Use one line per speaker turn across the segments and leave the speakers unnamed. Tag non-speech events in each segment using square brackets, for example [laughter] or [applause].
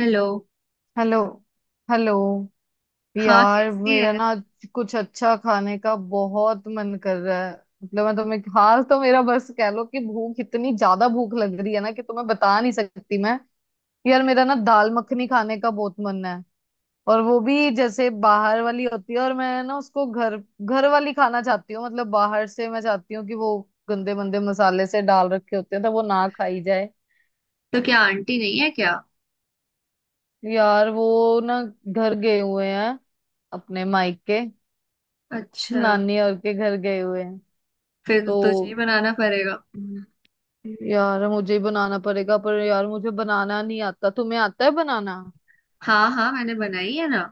Hello.
Hello. Hello.
हाँ,
यार
कैसी
मेरा
है?
ना आज कुछ अच्छा खाने का बहुत मन कर रहा है। मतलब मैं तुम्हें हाल तो मेरा बस कह लो कि भूख इतनी ज्यादा भूख लग रही है ना कि तुम्हें बता नहीं सकती मैं। यार मेरा ना दाल मखनी खाने का बहुत मन है। और वो भी जैसे बाहर वाली होती है, और मैं ना उसको घर घर वाली खाना चाहती हूँ। मतलब बाहर से मैं चाहती हूँ कि वो गंदे मंदे मसाले से डाल रखे होते हैं, तो वो ना खाई जाए।
तो क्या आंटी नहीं है क्या?
यार वो ना घर गए हुए हैं, अपने मायके।
अच्छा।
नानी और के घर गए हुए हैं।
फिर तो
तो
तुझे ही बनाना पड़ेगा।
यार मुझे ही बनाना पड़ेगा, पर यार मुझे बनाना नहीं आता। तुम्हें आता है बनाना?
हाँ हाँ, मैंने बनाई है ना।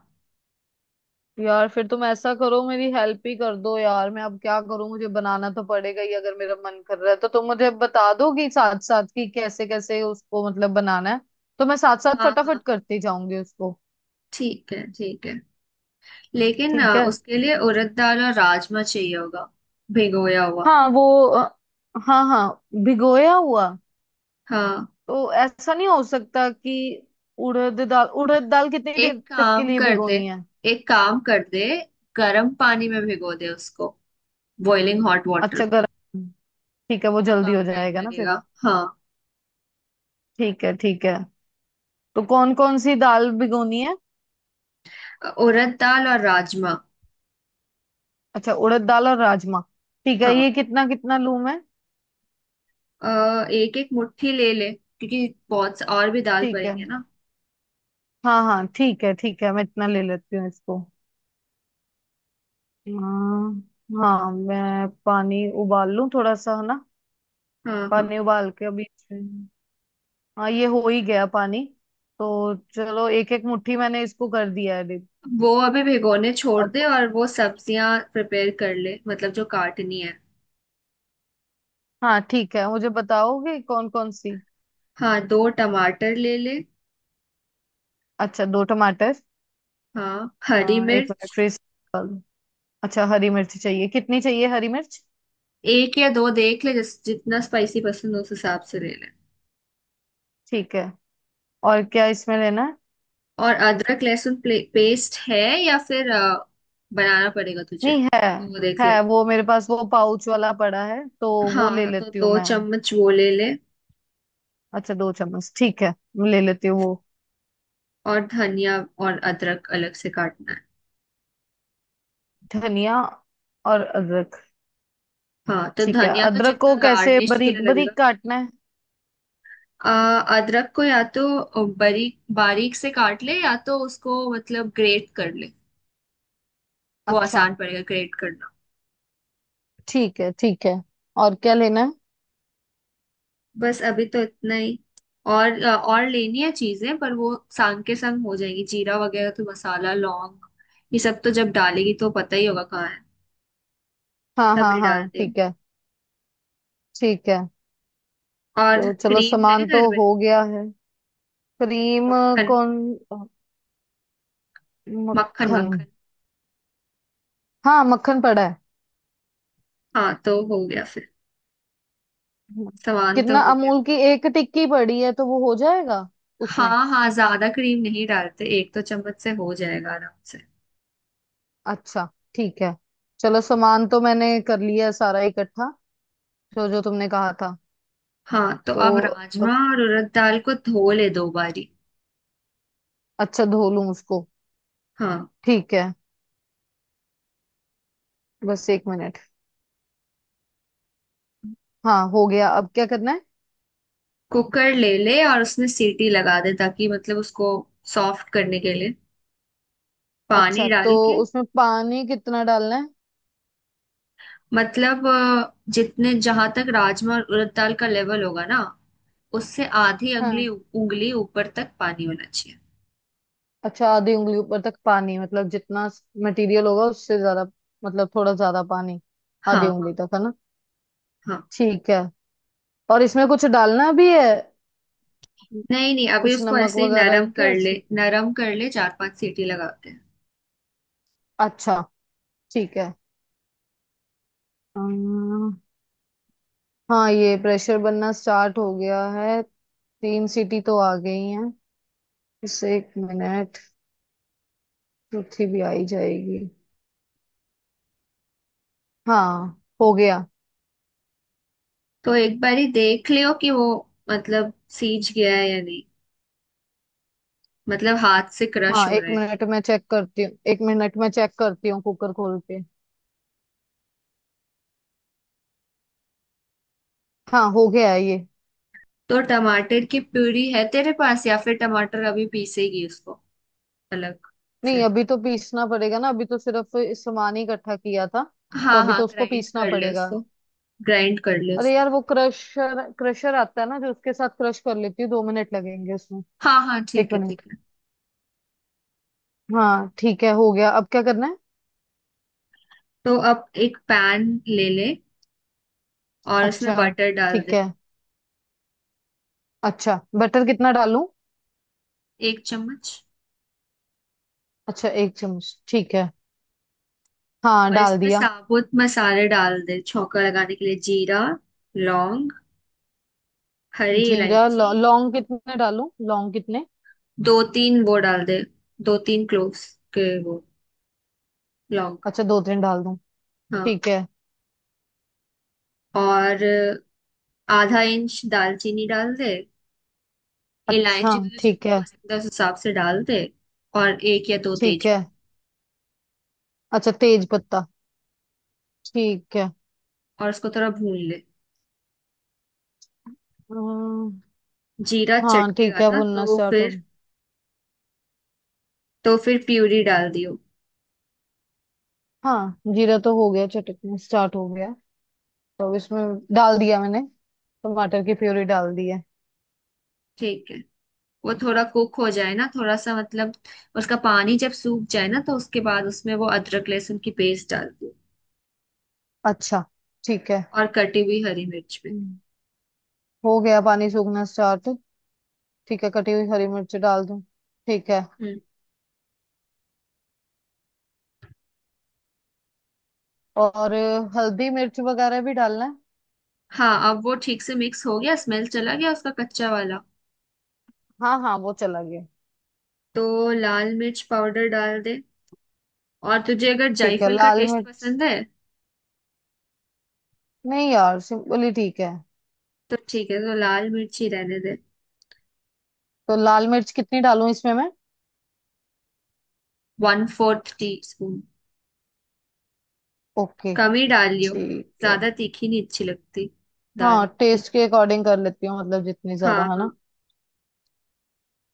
यार फिर तुम ऐसा करो, मेरी हेल्प ही कर दो। यार मैं अब क्या करूं, मुझे बनाना तो पड़ेगा ही अगर मेरा मन कर रहा है। तो तुम मुझे बता दोगी साथ साथ कि कैसे कैसे उसको मतलब बनाना है। तो मैं साथ साथ
हाँ
फटाफट
हाँ,
करती जाऊंगी उसको।
ठीक है ठीक है। लेकिन
ठीक है।
उसके लिए उड़द दाल और राजमा चाहिए होगा। भिगोया हुआ।
हाँ वो अ, हाँ हाँ, भिगोया हुआ।
हाँ।
तो ऐसा नहीं हो सकता कि उड़द दाल कितनी
एक
देर तक के
काम
लिए
कर दे,
भिगोनी है?
एक काम कर दे, गर्म पानी में भिगो दे उसको। बॉइलिंग हॉट वाटर
अच्छा
में।
गर्म। ठीक है, वो
तो
जल्दी हो
कम टाइम
जाएगा ना फिर।
लगेगा। हाँ।
ठीक है ठीक है। तो कौन कौन सी दाल भिगोनी है?
उड़द दाल और राजमा।
अच्छा, उड़द दाल और राजमा। ठीक है,
हाँ,
ये कितना कितना लूं मैं?
एक एक मुट्ठी ले ले क्योंकि और भी दाल
ठीक है।
पड़ेंगे ना।
हाँ हाँ ठीक है ठीक है, मैं इतना ले लेती हूँ इसको। हाँ हाँ, मैं पानी उबाल लूं थोड़ा सा, है ना?
हाँ हाँ।
पानी उबाल के अभी। हाँ, ये हो ही गया पानी। तो चलो, एक एक मुट्ठी मैंने इसको कर दिया है।
वो अभी भिगोने छोड़
अब
दे और वो सब्जियां प्रिपेयर कर ले, मतलब जो काटनी है।
हाँ ठीक है, मुझे बताओगे कौन कौन सी।
हाँ, दो टमाटर ले ले।
अच्छा, दो टमाटर।
हाँ,
अ,
हरी
एक मिनट
मिर्च।
फ्रीज कर लूं। अच्छा हरी मिर्च चाहिए, कितनी चाहिए हरी मिर्च?
एक या दो देख ले, जिस जितना स्पाइसी पसंद हो उस हिसाब से ले ले।
ठीक है। और क्या इसमें लेना है?
और अदरक लहसुन पेस्ट है या फिर बनाना पड़ेगा तुझे
नहीं है।
तो वो देख ले।
है वो मेरे पास, वो पाउच वाला पड़ा है, तो वो ले
हाँ तो
लेती हूँ
दो
मैं।
चम्मच वो ले ले।
अच्छा दो चम्मच, ठीक है मैं ले लेती हूँ वो।
और धनिया और अदरक अलग से काटना है।
धनिया और अदरक।
हाँ तो
ठीक है,
धनिया तो
अदरक
जितना
को कैसे
गार्निश के
बारीक
लिए लगेगा।
बारीक काटना है?
अदरक को या तो बारीक बारीक से काट ले, या तो उसको मतलब ग्रेट कर ले। वो
अच्छा।
आसान पड़ेगा ग्रेट करना।
ठीक है ठीक है। और क्या लेना है?
बस अभी तो इतना ही। और और लेनी है चीजें पर वो संग के संग हो जाएगी, जीरा वगैरह तो मसाला लौंग। ये सब तो जब डालेगी तो पता ही होगा कहाँ है।
हाँ हाँ
तभी डाल
हाँ
दे।
ठीक है ठीक है।
और
तो चलो,
क्रीम है
सामान तो
घर में?
हो गया है। क्रीम?
मक्खन।
कौन?
मक्खन
मक्खन?
मक्खन।
हाँ मक्खन पड़ा है।
हाँ तो हो गया फिर। सामान तो
कितना?
हो गया।
अमूल की एक टिक्की पड़ी है, तो वो हो जाएगा उसमें।
हाँ हाँ, ज्यादा क्रीम नहीं डालते, 1-2 चम्मच से हो जाएगा आराम से।
अच्छा, ठीक है। चलो, सामान तो मैंने कर लिया है सारा इकट्ठा, जो जो तुमने कहा था।
हाँ तो
तो
अब राजमा
अब-
और उड़द दाल को धो ले दो बारी।
अच्छा, धो लूं उसको।
हाँ,
ठीक है, बस एक मिनट। हाँ हो गया, अब क्या करना है?
कुकर ले ले और उसमें सीटी लगा दे ताकि, मतलब, उसको सॉफ्ट करने के लिए पानी
अच्छा, तो
डाल के।
उसमें पानी कितना डालना है?
मतलब जितने जहां तक राजमा और उड़द दाल का लेवल होगा ना, उससे आधी अंगली
हाँ
उंगली ऊपर तक पानी होना चाहिए।
अच्छा, आधी उंगली ऊपर तक पानी, मतलब जितना मटेरियल होगा उससे ज्यादा, मतलब थोड़ा ज्यादा पानी।
हाँ
आधी
हाँ
उंगली तक, है ना?
हाँ।
ठीक है। और इसमें कुछ डालना भी है?
नहीं नहीं, अभी
कुछ
उसको
नमक
ऐसे ही
वगैरह
नरम
के
कर ले,
ऐसे?
नरम कर ले, चार पांच सीटी लगा के।
अच्छा, ठीक है। अम्म, हाँ ये प्रेशर बनना स्टार्ट हो गया है। तीन सीटी तो आ गई हैं, बस एक मिनट, चौथी भी आई जाएगी। हाँ, हो गया।
तो एक बारी देख लियो कि वो, मतलब, सीज गया है या नहीं। मतलब हाथ से क्रश
हाँ,
हो
एक
रहा है।
मिनट में चेक करती हूँ, एक मिनट में चेक करती हूँ कुकर खोल के। हाँ, हो गया है ये।
तो टमाटर की प्यूरी है तेरे पास या फिर टमाटर अभी पीसेगी उसको अलग
नहीं,
से?
अभी तो पीसना पड़ेगा ना, अभी तो सिर्फ सामान ही इकट्ठा किया था। तो
हाँ
अभी
हाँ,
तो उसको
ग्राइंड
पीसना
कर ले
पड़ेगा।
उसको। ग्राइंड कर ले
अरे
उसको।
यार, वो क्रशर क्रशर आता है ना, जो उसके साथ क्रश कर लेती हूँ, दो मिनट लगेंगे उसमें।
हाँ हाँ,
एक
ठीक है
मिनट।
ठीक है।
हाँ ठीक है, हो गया, अब क्या करना है?
तो अब एक पैन ले ले और उसमें
अच्छा,
बटर डाल
ठीक
दे।
है। अच्छा बटर कितना डालूं?
1 चम्मच।
अच्छा एक चम्मच, ठीक है। हाँ
और
डाल
इसमें
दिया।
साबुत मसाले डाल दे छौंका लगाने के लिए। जीरा, लौंग, हरी
जीरा लौ,
इलायची।
लौंग कितने डालूं, लौंग कितने?
दो तीन वो डाल दे, दो तीन क्लोव्स के वो लॉन्ग।
अच्छा दो तीन डाल दूं,
हाँ।
ठीक है।
और आधा इंच दालचीनी डाल दे।
अच्छा,
इलायची तुझे
ठीक
जितनी
है
पसंद है उस हिसाब से डाल दे। और एक या दो
ठीक है।
तेजपत्ता।
अच्छा तेज पत्ता, ठीक है।
और उसको थोड़ा भून ले।
अम,
जीरा
हाँ
चटकेगा
ठीक है,
ना,
भुनना
तो
स्टार्ट हो।
फिर तो फिर प्यूरी डाल दियो।
हाँ, जीरा तो हो गया चटकना स्टार्ट हो गया। तो अब इसमें डाल दिया मैंने, टमाटर की प्योरी डाल दी है।
ठीक है, वो थोड़ा कुक हो जाए ना, थोड़ा सा मतलब उसका पानी जब सूख जाए ना, तो उसके बाद उसमें वो अदरक लहसुन की पेस्ट डाल दो।
अच्छा ठीक है।
और कटी हुई हरी मिर्च
हम्म, हो गया, पानी सूखना स्टार्ट। ठीक है, कटी हुई हरी मिर्च डाल दूं, ठीक है।
भी।
और हल्दी मिर्च वगैरह भी डालना है?
हाँ, अब वो ठीक से मिक्स हो गया, स्मेल चला गया उसका कच्चा वाला।
हाँ हाँ, वो चला गया।
तो लाल मिर्च पाउडर डाल दे। और तुझे अगर
ठीक है,
जायफल का
लाल
टेस्ट
मिर्च।
पसंद है
नहीं यार, सिंपली ठीक है।
तो ठीक है, तो लाल मिर्च ही रहने दे।
तो लाल मिर्च कितनी डालूं इसमें मैं?
1/4 टी स्पून।
ओके,
कम ही डाल लियो।
ठीक है।
ज्यादा तीखी नहीं अच्छी लगती दाल
हाँ,
मखनी।
टेस्ट के अकॉर्डिंग कर लेती हूँ, मतलब जितनी
हाँ
ज्यादा है
हाँ।
ना।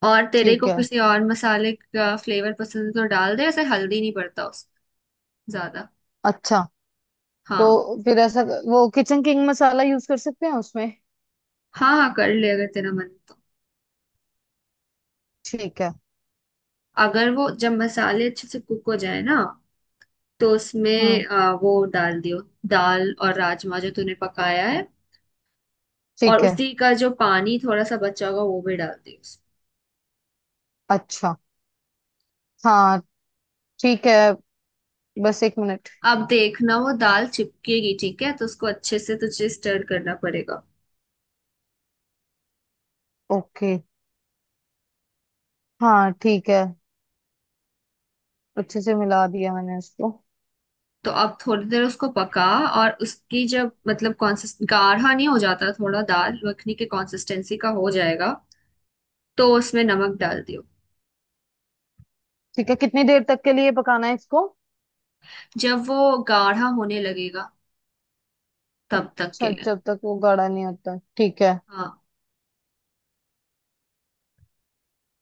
और तेरे
ठीक
को
है।
किसी और मसाले का फ्लेवर पसंद है तो डाल दे। ऐसे हल्दी नहीं पड़ता उस ज्यादा।
अच्छा, तो
हाँ
फिर ऐसा वो किचन किंग मसाला यूज कर सकते हैं उसमें?
हाँ हाँ, कर ले अगर तेरा मन है तो।
ठीक है।
अगर वो जब मसाले अच्छे से कुक हो जाए ना, तो उसमें
हम्म।
वो डाल दियो। दाल और राजमा जो तूने पकाया है। और
ठीक है।
उसी का जो पानी थोड़ा सा बचा होगा वो भी डाल दियो उसमें।
अच्छा। हाँ ठीक है, बस एक मिनट।
अब देखना, वो दाल चिपकेगी, ठीक है तो उसको अच्छे से तुझे स्टर करना पड़ेगा।
ओके। हाँ ठीक है, अच्छे से मिला दिया मैंने इसको।
तो अब थोड़ी देर उसको पका। और उसकी जब, मतलब, कॉन्सिस्ट गाढ़ा नहीं हो जाता, थोड़ा दाल मखनी के कंसिस्टेंसी का हो जाएगा। तो उसमें नमक डाल दियो।
ठीक है, कितनी देर तक के लिए पकाना है इसको?
जब वो गाढ़ा होने लगेगा, तब तक के
अच्छा,
लिए।
जब तक वो गाढ़ा नहीं होता, ठीक है।
हाँ।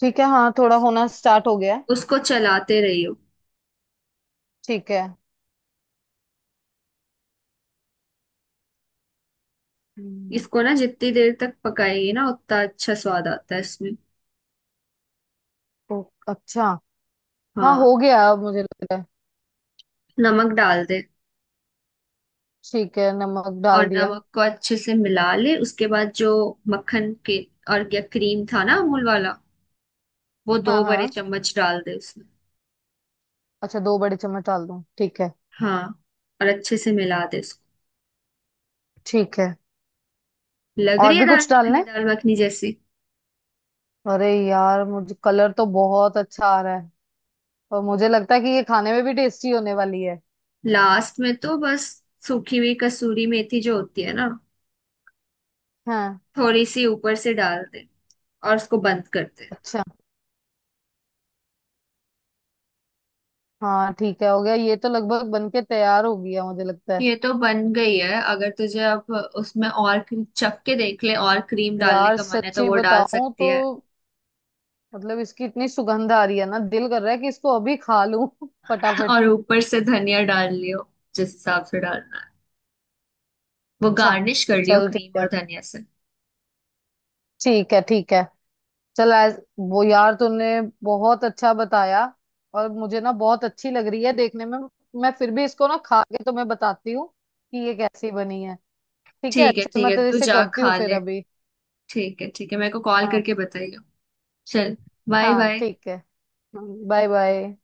ठीक है, हाँ
उस,
थोड़ा होना स्टार्ट हो गया है।
उसको चलाते रहियो।
ठीक है। हम्म,
इसको ना जितनी देर तक पकाएंगे ना उतना अच्छा स्वाद आता है इसमें।
ओ, अच्छा। हाँ
हाँ,
हो गया, अब मुझे लग रहा है।
नमक डाल दे।
ठीक है, नमक
और
डाल दिया।
नमक को अच्छे से मिला ले, उसके बाद जो मक्खन के और या क्रीम था ना अमूल वाला, वो
हाँ
दो बड़े
हाँ।
चम्मच डाल दे उसमें।
अच्छा दो बड़े चम्मच डाल दूं, ठीक है।
हाँ। और अच्छे से मिला दे उसको।
ठीक है।
लग
और
रही है
भी
दाल
कुछ डालना
मखनी,
है?
दाल मखनी जैसी।
अरे यार, मुझे कलर तो बहुत अच्छा आ रहा है, और मुझे लगता है कि ये खाने में भी टेस्टी होने वाली है।
लास्ट में तो बस सूखी हुई कसूरी मेथी जो होती है ना,
हाँ।
थोड़ी सी ऊपर से डाल दे, और उसको बंद कर दे।
अच्छा। हाँ ठीक है, हो गया, ये तो लगभग बन के तैयार हो गया मुझे लगता है।
ये तो बन गई है। अगर तुझे अब उसमें और चख के देख ले और क्रीम डालने
यार
का मन है तो
सच्ची
वो डाल
बताऊं
सकती
तो
है।
मतलब इसकी इतनी सुगंध आ रही है ना, दिल कर रहा है कि इसको अभी खा लूं [laughs] फटाफट।
और ऊपर से धनिया डाल लियो जिस हिसाब से डालना है, वो
अच्छा,
गार्निश कर लियो
चल ठीक
क्रीम
है।
और धनिया से।
ठीक है ठीक है। चल आज वो यार तूने बहुत अच्छा बताया, और मुझे ना बहुत अच्छी लग रही है देखने में। मैं फिर भी इसको ना खा के तुम्हें बताती हूँ कि ये कैसी बनी है। ठीक है,
ठीक है
चल
ठीक
मैं
है,
तेरे
तू
से
जा
करती हूँ
खा
फिर
ले।
अभी।
ठीक है ठीक है, मेरे को कॉल
हाँ
करके बताइयो। चल, बाय
हाँ
बाय।
ठीक है। Bye bye.